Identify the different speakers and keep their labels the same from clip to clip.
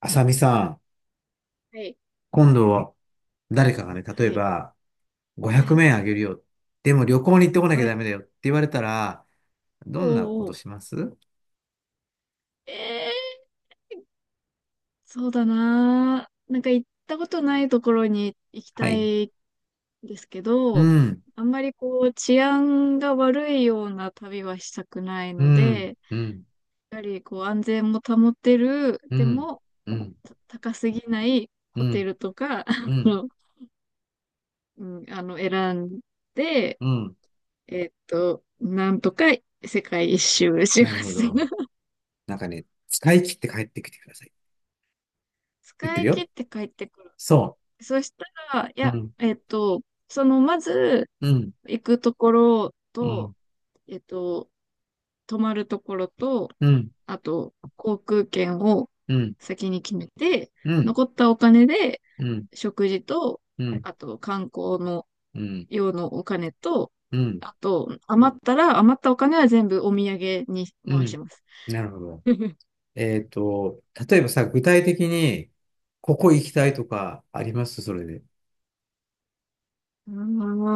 Speaker 1: あさみさん、
Speaker 2: はい、
Speaker 1: 今度は誰かがね、例
Speaker 2: は
Speaker 1: え
Speaker 2: い、
Speaker 1: ば500
Speaker 2: はい、
Speaker 1: 円あげるよ。でも旅行に行ってこなきゃ
Speaker 2: は
Speaker 1: ダ
Speaker 2: い。
Speaker 1: メだよって言われたら、どんなこ
Speaker 2: おー
Speaker 1: と
Speaker 2: おー、
Speaker 1: します？
Speaker 2: ええそうだなー。なんか行ったことないところに行き
Speaker 1: は
Speaker 2: た
Speaker 1: い。
Speaker 2: いんですけ
Speaker 1: う
Speaker 2: ど、
Speaker 1: ん、
Speaker 2: あんまりこう治安が悪いような旅はしたくない
Speaker 1: う
Speaker 2: の
Speaker 1: ん、
Speaker 2: で、
Speaker 1: うん、
Speaker 2: やはりこう安全も保てる、
Speaker 1: う
Speaker 2: で
Speaker 1: ん、
Speaker 2: も
Speaker 1: うん、
Speaker 2: 高すぎない
Speaker 1: う
Speaker 2: ホテ
Speaker 1: ん、
Speaker 2: ルとか、
Speaker 1: うん、
Speaker 2: うん、選んで、
Speaker 1: うん。
Speaker 2: なんとか世界一周し
Speaker 1: な
Speaker 2: ま
Speaker 1: るほ
Speaker 2: す。
Speaker 1: ど。なんかね、使い切って帰ってきてください。言って
Speaker 2: 使
Speaker 1: る
Speaker 2: い切
Speaker 1: よ。
Speaker 2: って帰ってくる。
Speaker 1: そ
Speaker 2: そしたら、い
Speaker 1: う。う
Speaker 2: や、
Speaker 1: ん、
Speaker 2: まず、
Speaker 1: うん、
Speaker 2: 行くところ
Speaker 1: う
Speaker 2: と、
Speaker 1: ん、
Speaker 2: えっと、泊まるところと、
Speaker 1: うん、
Speaker 2: あと、航空券を
Speaker 1: うん、
Speaker 2: 先に決めて、
Speaker 1: うん、
Speaker 2: 残ったお金で、
Speaker 1: うん、
Speaker 2: 食事と、
Speaker 1: うん、
Speaker 2: あと、観光の用のお金と、
Speaker 1: うん、
Speaker 2: あと、余ったら、余ったお金は全部お土産に
Speaker 1: う
Speaker 2: 回し
Speaker 1: ん。
Speaker 2: ます。
Speaker 1: なるほど。
Speaker 2: は
Speaker 1: えっと、例えばさ、具体的に、ここ行きたいと
Speaker 2: い。
Speaker 1: かありますそれで？
Speaker 2: う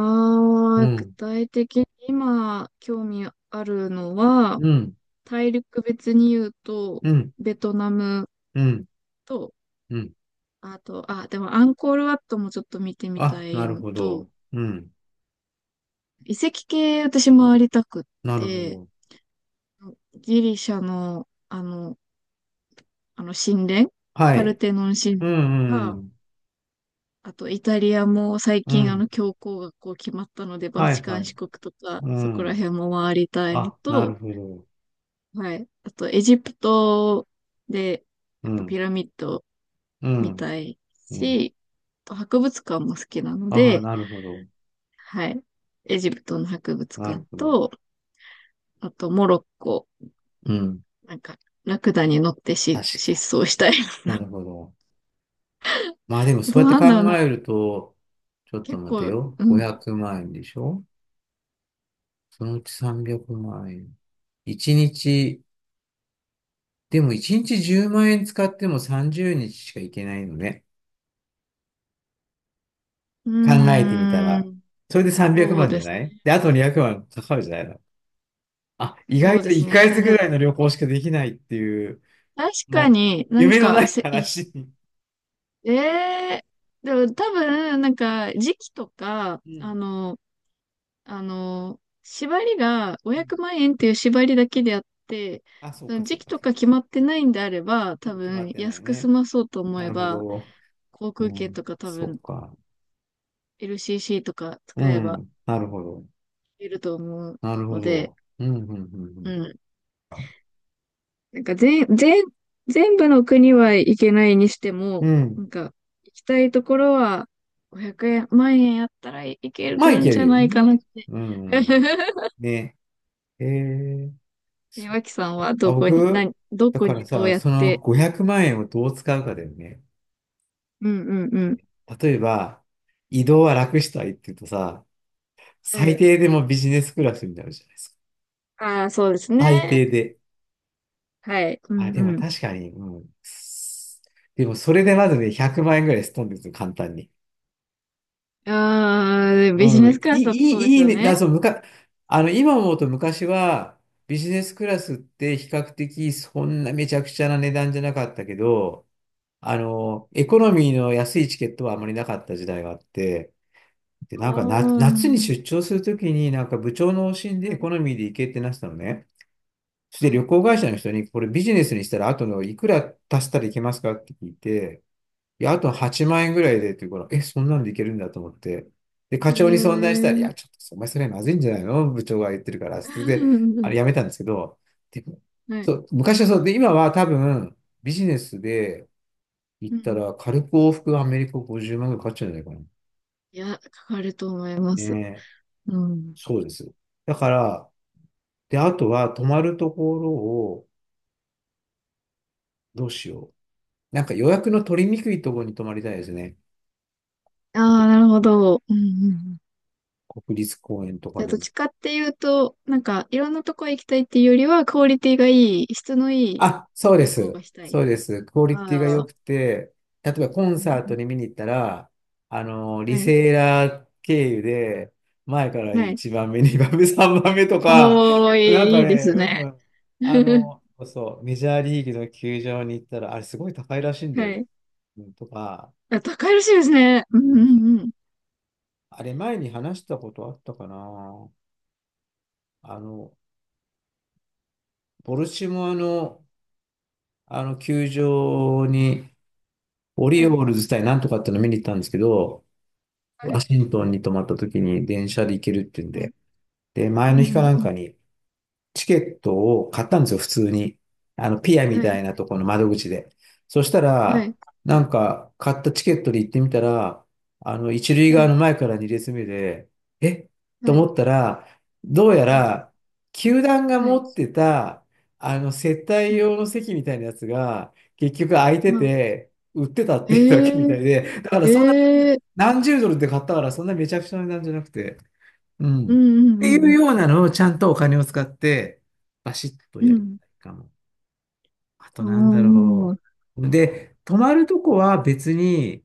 Speaker 1: う
Speaker 2: 具
Speaker 1: ん、
Speaker 2: 体的に今、興味あるのは、
Speaker 1: うん、
Speaker 2: 大陸別に言うと、
Speaker 1: うん、
Speaker 2: ベトナム
Speaker 1: うん、
Speaker 2: と、
Speaker 1: うん。
Speaker 2: あと、あ、でもアンコールワットもちょっと見てみた
Speaker 1: あ、な
Speaker 2: い
Speaker 1: る
Speaker 2: の
Speaker 1: ほ
Speaker 2: と、
Speaker 1: ど。うん、
Speaker 2: 遺跡系私回りたくっ
Speaker 1: なるほ
Speaker 2: て、
Speaker 1: ど。
Speaker 2: ギリシャの、あの神殿、
Speaker 1: は
Speaker 2: パル
Speaker 1: い。
Speaker 2: テノン神殿
Speaker 1: う
Speaker 2: と
Speaker 1: ん、う
Speaker 2: か、
Speaker 1: ん、
Speaker 2: あとイタリアも最
Speaker 1: う
Speaker 2: 近あの
Speaker 1: ん。
Speaker 2: 教皇がこう決まったので、バ
Speaker 1: は
Speaker 2: チ
Speaker 1: い、
Speaker 2: カ
Speaker 1: は
Speaker 2: ン
Speaker 1: い。
Speaker 2: 四国とか、
Speaker 1: う
Speaker 2: そこら
Speaker 1: ん。
Speaker 2: 辺も回りたいの
Speaker 1: あ、なる
Speaker 2: と、
Speaker 1: ほど。
Speaker 2: はい。あとエジプトで、
Speaker 1: う
Speaker 2: やっぱ
Speaker 1: ん、
Speaker 2: ピラミッド
Speaker 1: う
Speaker 2: 見
Speaker 1: ん、
Speaker 2: たい
Speaker 1: うん。
Speaker 2: し、あと博物館も好きなの
Speaker 1: ああ、
Speaker 2: で、
Speaker 1: なるほど。
Speaker 2: はい。エジプトの博物
Speaker 1: なる
Speaker 2: 館
Speaker 1: ほど。
Speaker 2: と、あとモロッコ、
Speaker 1: うん。
Speaker 2: なんか、ラクダに乗って、
Speaker 1: 確かに。
Speaker 2: 失踪したい。
Speaker 1: なるほど。まあでも、
Speaker 2: あ
Speaker 1: そう
Speaker 2: と
Speaker 1: やって
Speaker 2: なん
Speaker 1: 考
Speaker 2: だろう
Speaker 1: え
Speaker 2: な。
Speaker 1: ると、ちょっと
Speaker 2: 結
Speaker 1: 待て
Speaker 2: 構、
Speaker 1: よ。
Speaker 2: う
Speaker 1: 500
Speaker 2: ん。
Speaker 1: 万円でしょ？そのうち300万円。1日、でも1日10万円使っても30日しか行けないのね。考え
Speaker 2: うー
Speaker 1: てみたら。
Speaker 2: ん。
Speaker 1: それで300
Speaker 2: そう
Speaker 1: 万
Speaker 2: で
Speaker 1: じゃ
Speaker 2: す
Speaker 1: ない
Speaker 2: ね。
Speaker 1: で、あと200万かかるじゃないの。あ、意外
Speaker 2: そうで
Speaker 1: と1
Speaker 2: すね。
Speaker 1: ヶ
Speaker 2: え、
Speaker 1: 月
Speaker 2: で
Speaker 1: ぐ
Speaker 2: も、
Speaker 1: らいの旅行しかできないっていう、
Speaker 2: 確か
Speaker 1: もう、
Speaker 2: になん
Speaker 1: 夢のな
Speaker 2: か、
Speaker 1: い
Speaker 2: せ、いし
Speaker 1: 話に。
Speaker 2: えでも多分、なんか、時期とか、
Speaker 1: うん。
Speaker 2: 縛りが
Speaker 1: う
Speaker 2: 500
Speaker 1: ん、
Speaker 2: 万円っていう縛りだけであって、
Speaker 1: あ、そうか、そ
Speaker 2: 時
Speaker 1: う
Speaker 2: 期
Speaker 1: か、
Speaker 2: と
Speaker 1: そう。
Speaker 2: か決まってないんであれば、
Speaker 1: う
Speaker 2: 多
Speaker 1: ん、決まっ
Speaker 2: 分
Speaker 1: てな
Speaker 2: 安
Speaker 1: い
Speaker 2: く済
Speaker 1: ね。
Speaker 2: まそうと思
Speaker 1: な
Speaker 2: え
Speaker 1: るほ
Speaker 2: ば、
Speaker 1: ど。
Speaker 2: 航
Speaker 1: う
Speaker 2: 空券
Speaker 1: ん、
Speaker 2: とか多
Speaker 1: そ
Speaker 2: 分
Speaker 1: うか。
Speaker 2: LCC とか
Speaker 1: う
Speaker 2: 使えば
Speaker 1: ん、なるほど。
Speaker 2: いると思う
Speaker 1: なる
Speaker 2: の
Speaker 1: ほ
Speaker 2: で、
Speaker 1: ど。うん、うん、う
Speaker 2: う
Speaker 1: ん、
Speaker 2: ん。なんか全部の国は行けないにして
Speaker 1: う
Speaker 2: も、
Speaker 1: ん。う
Speaker 2: な
Speaker 1: ん、
Speaker 2: んか行きたいところは500万円あったらいけ
Speaker 1: まあ、い
Speaker 2: るん
Speaker 1: け
Speaker 2: じ
Speaker 1: る
Speaker 2: ゃ
Speaker 1: よ
Speaker 2: ないかなっ
Speaker 1: ね。
Speaker 2: て。
Speaker 1: うん。ね。えー、
Speaker 2: え、脇さんは
Speaker 1: あ、僕、
Speaker 2: ど
Speaker 1: だ
Speaker 2: こ
Speaker 1: か
Speaker 2: に
Speaker 1: ら
Speaker 2: どう
Speaker 1: さ、
Speaker 2: やっ
Speaker 1: その
Speaker 2: て
Speaker 1: 500万円をどう使うかだよね。
Speaker 2: うんうんうん。
Speaker 1: ね、例えば、移動は楽したいって言うとさ、
Speaker 2: は
Speaker 1: 最
Speaker 2: い。
Speaker 1: 低でもビジネスクラスになるじゃないですか。
Speaker 2: ああ、そうですね。
Speaker 1: 最低で。
Speaker 2: はい。う
Speaker 1: あ、
Speaker 2: ん
Speaker 1: でも
Speaker 2: うん。
Speaker 1: 確かに、うん。でもそれでまずね、100万円ぐらいすっ飛んでるんですよ、簡単に。
Speaker 2: ああ、でビジ
Speaker 1: うん、
Speaker 2: ネスクラスだとそうです
Speaker 1: いい
Speaker 2: よ
Speaker 1: ね、な
Speaker 2: ね。
Speaker 1: そう、むか、あの、今思うと昔は、ビジネスクラスって比較的そんなめちゃくちゃな値段じゃなかったけど、あの、エコノミーの安いチケットはあまりなかった時代があって、で、
Speaker 2: あ
Speaker 1: なんかな、
Speaker 2: あ、
Speaker 1: 夏に出張するときに、なんか部長の方針で
Speaker 2: は
Speaker 1: エ
Speaker 2: い。
Speaker 1: コノミーで行けってなってたのね。そして
Speaker 2: は
Speaker 1: 旅
Speaker 2: い。
Speaker 1: 行会社の人に、これビジネスにしたら後のいくら足したらいけますかって聞いて、いや、あと
Speaker 2: はい。
Speaker 1: 8万円ぐらいでっていうから、え、そんなんでいけるんだと思って。で、課
Speaker 2: え
Speaker 1: 長に相談したら、い
Speaker 2: ー。
Speaker 1: や、ちょっと、お前それまずいんじゃないの、部長が言ってるから。それで、
Speaker 2: う
Speaker 1: あ
Speaker 2: ん
Speaker 1: れやめたんですけど、でも、
Speaker 2: は
Speaker 1: そ
Speaker 2: い。
Speaker 1: う、昔はそうで、今は多分、ビジネスで行
Speaker 2: う
Speaker 1: った
Speaker 2: ん。
Speaker 1: ら、軽く往復アメリカ50万ぐらいかかっちゃうんじゃないかな。
Speaker 2: いや、かかると思います。
Speaker 1: ねえ、
Speaker 2: うん。
Speaker 1: そうです。だから、で、あとは、泊まるところを、どうしよう。なんか予約の取りにくいところに泊まりたいですね。
Speaker 2: あ
Speaker 1: あと
Speaker 2: あ、なるほど。うんうんうん。
Speaker 1: 国立公園とか
Speaker 2: じゃあ、
Speaker 1: で
Speaker 2: どっ
Speaker 1: も。
Speaker 2: ちかっていうと、なんか、いろんなとこ行きたいっていうよりは、クオリティがいい、質のいい
Speaker 1: あ、そうで
Speaker 2: 旅行
Speaker 1: す。
Speaker 2: がしたい。
Speaker 1: そうです。クオリティ
Speaker 2: あ
Speaker 1: が良
Speaker 2: あ、
Speaker 1: くて、例えばコン
Speaker 2: う
Speaker 1: サート
Speaker 2: ん
Speaker 1: に見に行ったら、あの、リ
Speaker 2: はい。
Speaker 1: セーラー経由で、前から
Speaker 2: はい。
Speaker 1: 1番目、2番目、3 番目とか、
Speaker 2: おー、い
Speaker 1: なん
Speaker 2: い、
Speaker 1: か
Speaker 2: いいで
Speaker 1: ね、
Speaker 2: す
Speaker 1: う
Speaker 2: ね。
Speaker 1: ん。あ の、そうそう、メジャーリーグの球場に行ったら、あれすごい高いらしいんだ
Speaker 2: は
Speaker 1: よ。
Speaker 2: い。
Speaker 1: うんとか、
Speaker 2: あ、高いらしいですね。うんうんうん。
Speaker 1: あれ前に話したことあったかな。あの、ボルチモアの、あの球場に、オリ
Speaker 2: は
Speaker 1: オ
Speaker 2: い。
Speaker 1: ールズ対なんとかっての見に行ったんですけど、
Speaker 2: は
Speaker 1: ワ
Speaker 2: い。
Speaker 1: シントンに泊まった時に電車で行けるっていうん
Speaker 2: はい。
Speaker 1: で。で、
Speaker 2: う
Speaker 1: 前の
Speaker 2: ん
Speaker 1: 日
Speaker 2: う
Speaker 1: か
Speaker 2: ん
Speaker 1: なん
Speaker 2: う
Speaker 1: か
Speaker 2: ん。
Speaker 1: にチケットを買ったんですよ、普通に。あの、ピアみ
Speaker 2: は
Speaker 1: た
Speaker 2: い。
Speaker 1: いなところの窓口で。そした
Speaker 2: は
Speaker 1: ら、
Speaker 2: い。
Speaker 1: なんか、買ったチケットで行ってみたら、あの、一塁
Speaker 2: は
Speaker 1: 側
Speaker 2: い。
Speaker 1: の前から二列目で、えと
Speaker 2: はい。
Speaker 1: 思ったら、どうや
Speaker 2: はい。
Speaker 1: ら、球団が
Speaker 2: は
Speaker 1: 持
Speaker 2: い。
Speaker 1: ってた、あの、接待
Speaker 2: はい
Speaker 1: 用の席みたいなやつが、結局空いて
Speaker 2: まあ、
Speaker 1: て、売ってたっていうだけみた
Speaker 2: え
Speaker 1: いで、だからそんな
Speaker 2: えええ
Speaker 1: 何十ドルで買ったから、そんなめちゃくちゃな値段じゃなくて、うん。
Speaker 2: う
Speaker 1: っ
Speaker 2: んう
Speaker 1: てい
Speaker 2: んう
Speaker 1: う
Speaker 2: ん
Speaker 1: ようなのをちゃんとお金を使って、バシッと
Speaker 2: う
Speaker 1: やり
Speaker 2: ん。
Speaker 1: たいかも。あと
Speaker 2: う
Speaker 1: なんだ
Speaker 2: ん。お
Speaker 1: ろ
Speaker 2: ー。
Speaker 1: う。で、泊まるとこは別に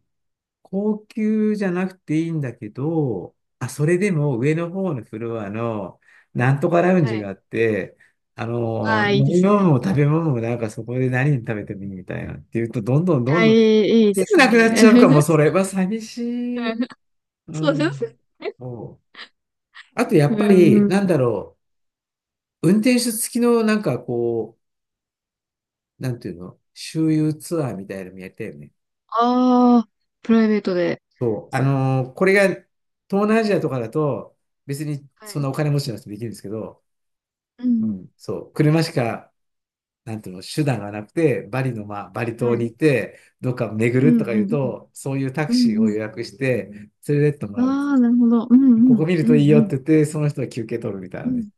Speaker 1: 高級じゃなくていいんだけど、あ、それでも上の方のフロアのなんとかラウン
Speaker 2: は
Speaker 1: ジが
Speaker 2: い。
Speaker 1: あって、あ
Speaker 2: あ
Speaker 1: の、
Speaker 2: あ、いい
Speaker 1: 飲
Speaker 2: で
Speaker 1: み
Speaker 2: す
Speaker 1: 物
Speaker 2: ね。
Speaker 1: も食べ物もなんかそこで何食べてもいいみたいなっていうと、どんどん
Speaker 2: あ
Speaker 1: どん
Speaker 2: あ、い
Speaker 1: どん
Speaker 2: い、いい
Speaker 1: す
Speaker 2: で
Speaker 1: ぐ
Speaker 2: す
Speaker 1: なくな
Speaker 2: ね。
Speaker 1: っちゃうかも、それは寂しい。う
Speaker 2: そうですね。
Speaker 1: ん。そう。あと、や
Speaker 2: うん
Speaker 1: っぱ
Speaker 2: う
Speaker 1: り、
Speaker 2: ん
Speaker 1: なん
Speaker 2: うん。
Speaker 1: だろう。運転手付きの、なんかこう、なんていうの、周遊ツアーみたいなのもやったよね。
Speaker 2: ああ、プライベートで。
Speaker 1: そう。あのーこれが、東南アジアとかだと、別に
Speaker 2: は
Speaker 1: そんな
Speaker 2: い。
Speaker 1: お金持ちの人できるんですけど、
Speaker 2: う
Speaker 1: う
Speaker 2: ん。
Speaker 1: ん、そう。車しか、なんていうの、手段がなくて、バリの、まあ、バリ
Speaker 2: は
Speaker 1: 島
Speaker 2: い。う
Speaker 1: に
Speaker 2: ん
Speaker 1: 行って、どっか巡
Speaker 2: う
Speaker 1: るとか言う
Speaker 2: ん
Speaker 1: と、そういうタク
Speaker 2: うん
Speaker 1: シーを
Speaker 2: うん。
Speaker 1: 予約して、連れてってもらうんです。
Speaker 2: ああ、なるほど。うん
Speaker 1: こ
Speaker 2: う
Speaker 1: こ
Speaker 2: ん
Speaker 1: 見る
Speaker 2: う
Speaker 1: といいよって
Speaker 2: ん
Speaker 1: 言って、その人は休憩取るみたい
Speaker 2: う
Speaker 1: なね。
Speaker 2: ん。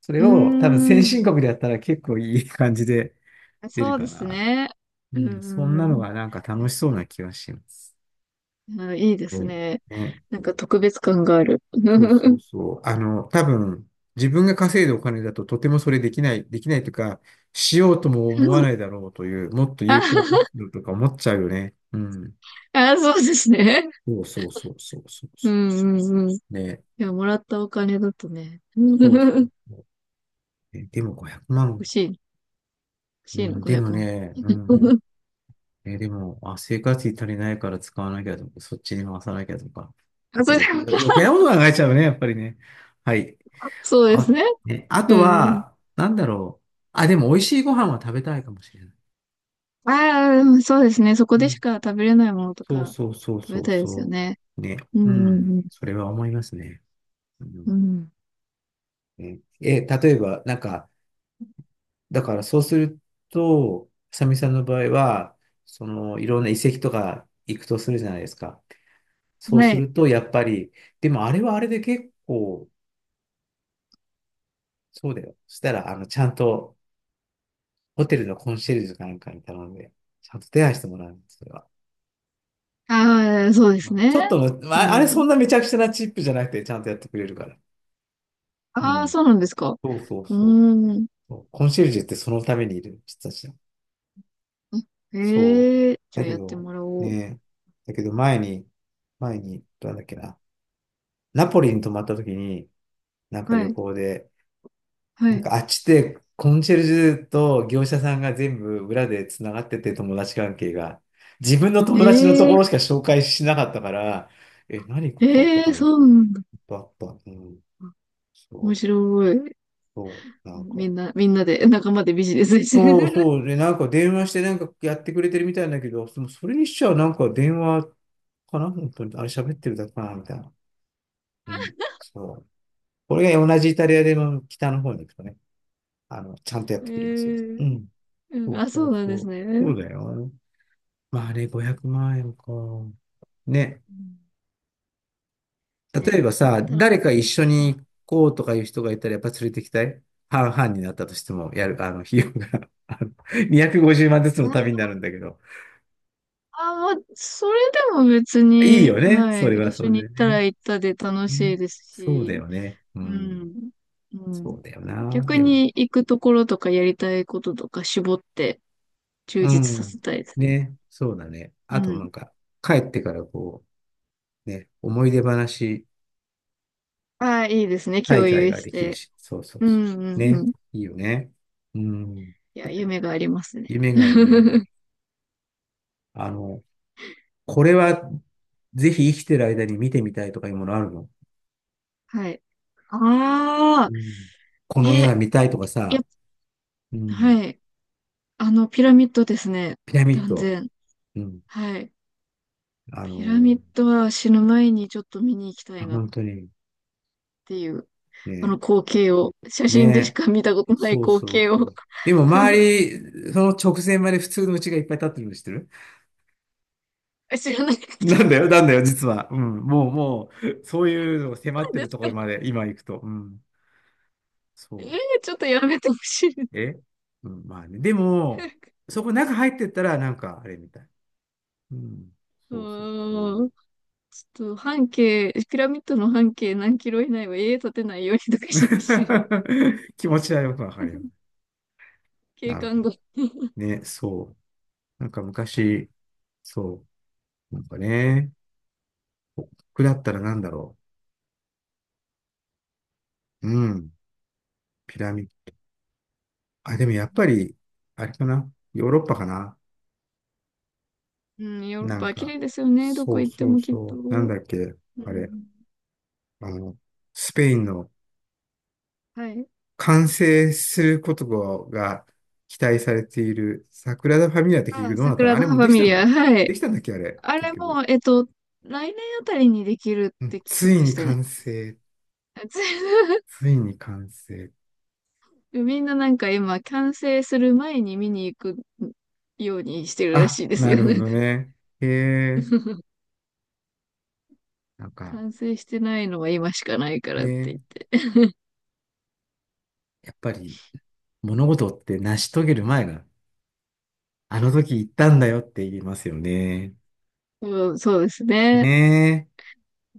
Speaker 1: それを多分
Speaker 2: う
Speaker 1: 先
Speaker 2: ーん。
Speaker 1: 進国でやったら結構いい感じで出る
Speaker 2: そう
Speaker 1: か
Speaker 2: です
Speaker 1: な。
Speaker 2: ね。
Speaker 1: う
Speaker 2: う
Speaker 1: ん、そ
Speaker 2: ん
Speaker 1: ん
Speaker 2: う
Speaker 1: なの
Speaker 2: ん
Speaker 1: がなんか楽しそうな気がします。
Speaker 2: うん。あいいで
Speaker 1: は
Speaker 2: す
Speaker 1: い。
Speaker 2: ね。
Speaker 1: ね。
Speaker 2: なんか特別感がある。
Speaker 1: そうそう そう。あの、多分、自分が稼いだお金だととてもそれできない、できないというか、しようとも思わないだろうという、もっと有効活
Speaker 2: あ、
Speaker 1: 用とか思っちゃうよね。うん。
Speaker 2: あそうですね。
Speaker 1: そうそうそうそうそう
Speaker 2: う
Speaker 1: そ
Speaker 2: んうんうん。い
Speaker 1: う。ね。
Speaker 2: や、もらったお金だとね。
Speaker 1: そうそう そう。えでも500
Speaker 2: 欲
Speaker 1: 万。
Speaker 2: しい、欲
Speaker 1: う
Speaker 2: しいな、
Speaker 1: ん、で
Speaker 2: 500
Speaker 1: も
Speaker 2: 万。
Speaker 1: ね、うん。えーでも、あ、生活費足りないから使わなきゃとか、そっちに回さなきゃとか、な
Speaker 2: あ、
Speaker 1: んか
Speaker 2: そうです。
Speaker 1: 余計、余計なこと考えちゃうね、やっぱりね。はい。
Speaker 2: そうです
Speaker 1: あ、
Speaker 2: ね。
Speaker 1: ね、あ
Speaker 2: う
Speaker 1: と
Speaker 2: ん。
Speaker 1: は、なんだろう。あ、でも美味しいご飯は食べたいかもしれない。
Speaker 2: ああ、そうですね。そこ
Speaker 1: う
Speaker 2: でし
Speaker 1: ん。
Speaker 2: か食べれないものと
Speaker 1: そう
Speaker 2: か
Speaker 1: そうそう
Speaker 2: 食
Speaker 1: そ
Speaker 2: べ
Speaker 1: う
Speaker 2: たいですよ
Speaker 1: そ
Speaker 2: ね。
Speaker 1: う。ね。
Speaker 2: う
Speaker 1: う
Speaker 2: ん
Speaker 1: ん。
Speaker 2: うん
Speaker 1: それは思いますね。う
Speaker 2: う
Speaker 1: ん。
Speaker 2: ん。
Speaker 1: ねえ、例えば、なんか、だからそうすると、さみさんの場合は、その、いろんな遺跡とか行くとするじゃないですか。
Speaker 2: う
Speaker 1: そ
Speaker 2: ん。
Speaker 1: う
Speaker 2: は
Speaker 1: す
Speaker 2: い。
Speaker 1: ると、やっぱり、でもあれはあれで結構、そうだよ。そしたら、あの、ちゃんと、ホテルのコンシェルジュかなんかに頼んで、ちゃんと手配してもらうんです、それは。
Speaker 2: ああ、そうです
Speaker 1: ち
Speaker 2: ね。
Speaker 1: ょっとの、
Speaker 2: う
Speaker 1: まあ、あれそ
Speaker 2: ん。
Speaker 1: んなめちゃくちゃなチップじゃなくて、ちゃんとやってくれるから。う
Speaker 2: ああ、
Speaker 1: ん。
Speaker 2: そうなんですか。
Speaker 1: そうそう
Speaker 2: う
Speaker 1: そう。
Speaker 2: ーん。
Speaker 1: そうコンシェルジュってそのためにいる人たちだ。
Speaker 2: あ
Speaker 1: そう。
Speaker 2: へえ、じゃ
Speaker 1: だ
Speaker 2: あ
Speaker 1: け
Speaker 2: やって
Speaker 1: ど、
Speaker 2: もらおう。
Speaker 1: ね、だけど前に、前に、どうなんだっけな。ナポリに泊まった時に、なんか旅
Speaker 2: はい、
Speaker 1: 行で、
Speaker 2: は
Speaker 1: なん
Speaker 2: い。
Speaker 1: かあっちってコンシェルジュと業者さんが全部裏でつながってて友達関係が。自分の友達のと
Speaker 2: え
Speaker 1: こ
Speaker 2: え、
Speaker 1: ろしか紹介しなかったから、え、何ここと
Speaker 2: ええ、
Speaker 1: かいっ
Speaker 2: そうなんだ。
Speaker 1: ぱいあった。うん。そ
Speaker 2: 面白
Speaker 1: う、
Speaker 2: い。
Speaker 1: そう、なんか。
Speaker 2: みんなで、仲間でビジネスして
Speaker 1: そう
Speaker 2: る。
Speaker 1: そう。で、なんか電話してなんかやってくれてるみたいだけど、それにしちゃなんか電 話かな本当に。あれ喋ってるだけかなみたいな。うん。そう。これが同じイタリアでの北の方に行くとね、あの、ちゃんとやっ
Speaker 2: え
Speaker 1: てくれますよ。
Speaker 2: え、
Speaker 1: うん。
Speaker 2: う
Speaker 1: そ
Speaker 2: ん、
Speaker 1: う
Speaker 2: あ、そ
Speaker 1: そう
Speaker 2: うなん
Speaker 1: そ
Speaker 2: です
Speaker 1: う。
Speaker 2: ね。
Speaker 1: そ
Speaker 2: う
Speaker 1: うだよ。まああれ500万円か。ね。
Speaker 2: ん
Speaker 1: 例
Speaker 2: ね、
Speaker 1: えば
Speaker 2: あっ
Speaker 1: さ、
Speaker 2: たら。うん
Speaker 1: 誰か一緒に行こうとかいう人がいたらやっぱ連れてきたい。半々になったとしても、あの、費用が あの250万ずつの旅
Speaker 2: あ、
Speaker 1: になるんだけど。
Speaker 2: あ、まあ、それでも別
Speaker 1: いい
Speaker 2: に、
Speaker 1: よね。
Speaker 2: は
Speaker 1: それ
Speaker 2: い、
Speaker 1: はそ
Speaker 2: 一緒
Speaker 1: れ
Speaker 2: に
Speaker 1: で
Speaker 2: 行った
Speaker 1: ね。
Speaker 2: ら行ったで楽し
Speaker 1: ね。
Speaker 2: いです
Speaker 1: そうだ
Speaker 2: し、
Speaker 1: よね。う
Speaker 2: う
Speaker 1: ん。
Speaker 2: ん。う
Speaker 1: そ
Speaker 2: ん。
Speaker 1: うだよな。
Speaker 2: 逆
Speaker 1: でも。
Speaker 2: に行くところとかやりたいこととか絞って充
Speaker 1: う
Speaker 2: 実さ
Speaker 1: ん。
Speaker 2: せたいですね。
Speaker 1: ね。そうだね。
Speaker 2: う
Speaker 1: あと
Speaker 2: ん。
Speaker 1: なんか、帰ってからこう、ね、思い出話
Speaker 2: ああ、いいですね。
Speaker 1: 大
Speaker 2: 共
Speaker 1: 会
Speaker 2: 有
Speaker 1: が
Speaker 2: し
Speaker 1: できる
Speaker 2: て。
Speaker 1: し。そうそう
Speaker 2: う
Speaker 1: そ
Speaker 2: ん
Speaker 1: う。
Speaker 2: うんう
Speaker 1: ね。
Speaker 2: ん。
Speaker 1: いいよね。うん。
Speaker 2: いや、夢がありますね。
Speaker 1: 夢があるね。あの、これはぜひ生きてる間に見てみたいとかいうものあるの？
Speaker 2: はい。
Speaker 1: う
Speaker 2: ああ、
Speaker 1: ん。こ
Speaker 2: え、
Speaker 1: の絵は見たいとか
Speaker 2: やっ、
Speaker 1: さ、うん。
Speaker 2: はい。ピラミッドですね。
Speaker 1: ピラミッ
Speaker 2: 断
Speaker 1: ド。
Speaker 2: 然。
Speaker 1: うん。
Speaker 2: はい。
Speaker 1: あ
Speaker 2: ピラ
Speaker 1: の、
Speaker 2: ミッドは死ぬ前にちょっと見に行きた
Speaker 1: あ、
Speaker 2: いなっ
Speaker 1: 本当に。
Speaker 2: ていう、あ
Speaker 1: ね。
Speaker 2: の光景を、写真でし
Speaker 1: ね
Speaker 2: か見たことない
Speaker 1: そう
Speaker 2: 光
Speaker 1: そ
Speaker 2: 景
Speaker 1: う
Speaker 2: を
Speaker 1: そう。でも周り、その直前まで普通の家がいっぱい建ってるの知ってる？
Speaker 2: 知らないこ
Speaker 1: なん
Speaker 2: と
Speaker 1: だよ、なんだよ、実は。うん。もう、もう、そういうのが迫っ て
Speaker 2: なんで
Speaker 1: る
Speaker 2: す
Speaker 1: とこ
Speaker 2: か
Speaker 1: ろまで今行くと。うん。
Speaker 2: えー、
Speaker 1: そ
Speaker 2: ちょっとやめてほしい。
Speaker 1: う。え、うん、まあね。でも、そこ中入ってったら、なんか、あれみたい。うん。
Speaker 2: う
Speaker 1: そうそうそ
Speaker 2: ーん。
Speaker 1: う。
Speaker 2: ちょっと半径、ピラミッドの半径何キロ以内は家建てないようにとかしてほしい。
Speaker 1: 気持ちはよくわかるよ。
Speaker 2: 景
Speaker 1: なるほ
Speaker 2: 観が。
Speaker 1: どね。そう。なんか昔、そう。なんかね、僕だったらなんだろう。うん。ピラミッド。あ、でもやっぱ り、あれかな。ヨーロッパかな。
Speaker 2: うん、ヨーロッ
Speaker 1: なん
Speaker 2: パ綺
Speaker 1: かね、
Speaker 2: 麗ですよね。ど
Speaker 1: そ
Speaker 2: こ
Speaker 1: う
Speaker 2: 行って
Speaker 1: そう
Speaker 2: もきっ
Speaker 1: そう。なん
Speaker 2: と。
Speaker 1: だっけ。
Speaker 2: う
Speaker 1: あれ。
Speaker 2: ん、
Speaker 1: あの、スペインの
Speaker 2: はい。
Speaker 1: 完成することが期待されているサグラダ・ファミリアって結局
Speaker 2: あ、
Speaker 1: どうなったの？
Speaker 2: 桜
Speaker 1: あ
Speaker 2: 田
Speaker 1: れもう
Speaker 2: ファ
Speaker 1: でき
Speaker 2: ミ
Speaker 1: たん
Speaker 2: リア。
Speaker 1: だ。
Speaker 2: はい。
Speaker 1: できたんだっけ、あれ。
Speaker 2: あ
Speaker 1: 結
Speaker 2: れ
Speaker 1: 局。
Speaker 2: も、来年あたりにできる
Speaker 1: う
Speaker 2: っ
Speaker 1: ん、
Speaker 2: て聞き
Speaker 1: つい
Speaker 2: ま
Speaker 1: に
Speaker 2: したね。
Speaker 1: 完成。ついに完成。
Speaker 2: みんななんか今、完成する前に見に行くようにしてるら
Speaker 1: あ、
Speaker 2: しいです
Speaker 1: な
Speaker 2: よ。
Speaker 1: る
Speaker 2: な
Speaker 1: ほ
Speaker 2: ん
Speaker 1: ど
Speaker 2: か
Speaker 1: ね。へえ。なんか、
Speaker 2: 完成してないのは今しかないからって言っ
Speaker 1: ね、
Speaker 2: て。
Speaker 1: やっぱり物事って成し遂げる前が、あの時言ったんだよって言いますよね。
Speaker 2: うん、そうですね。
Speaker 1: ねえ。
Speaker 2: う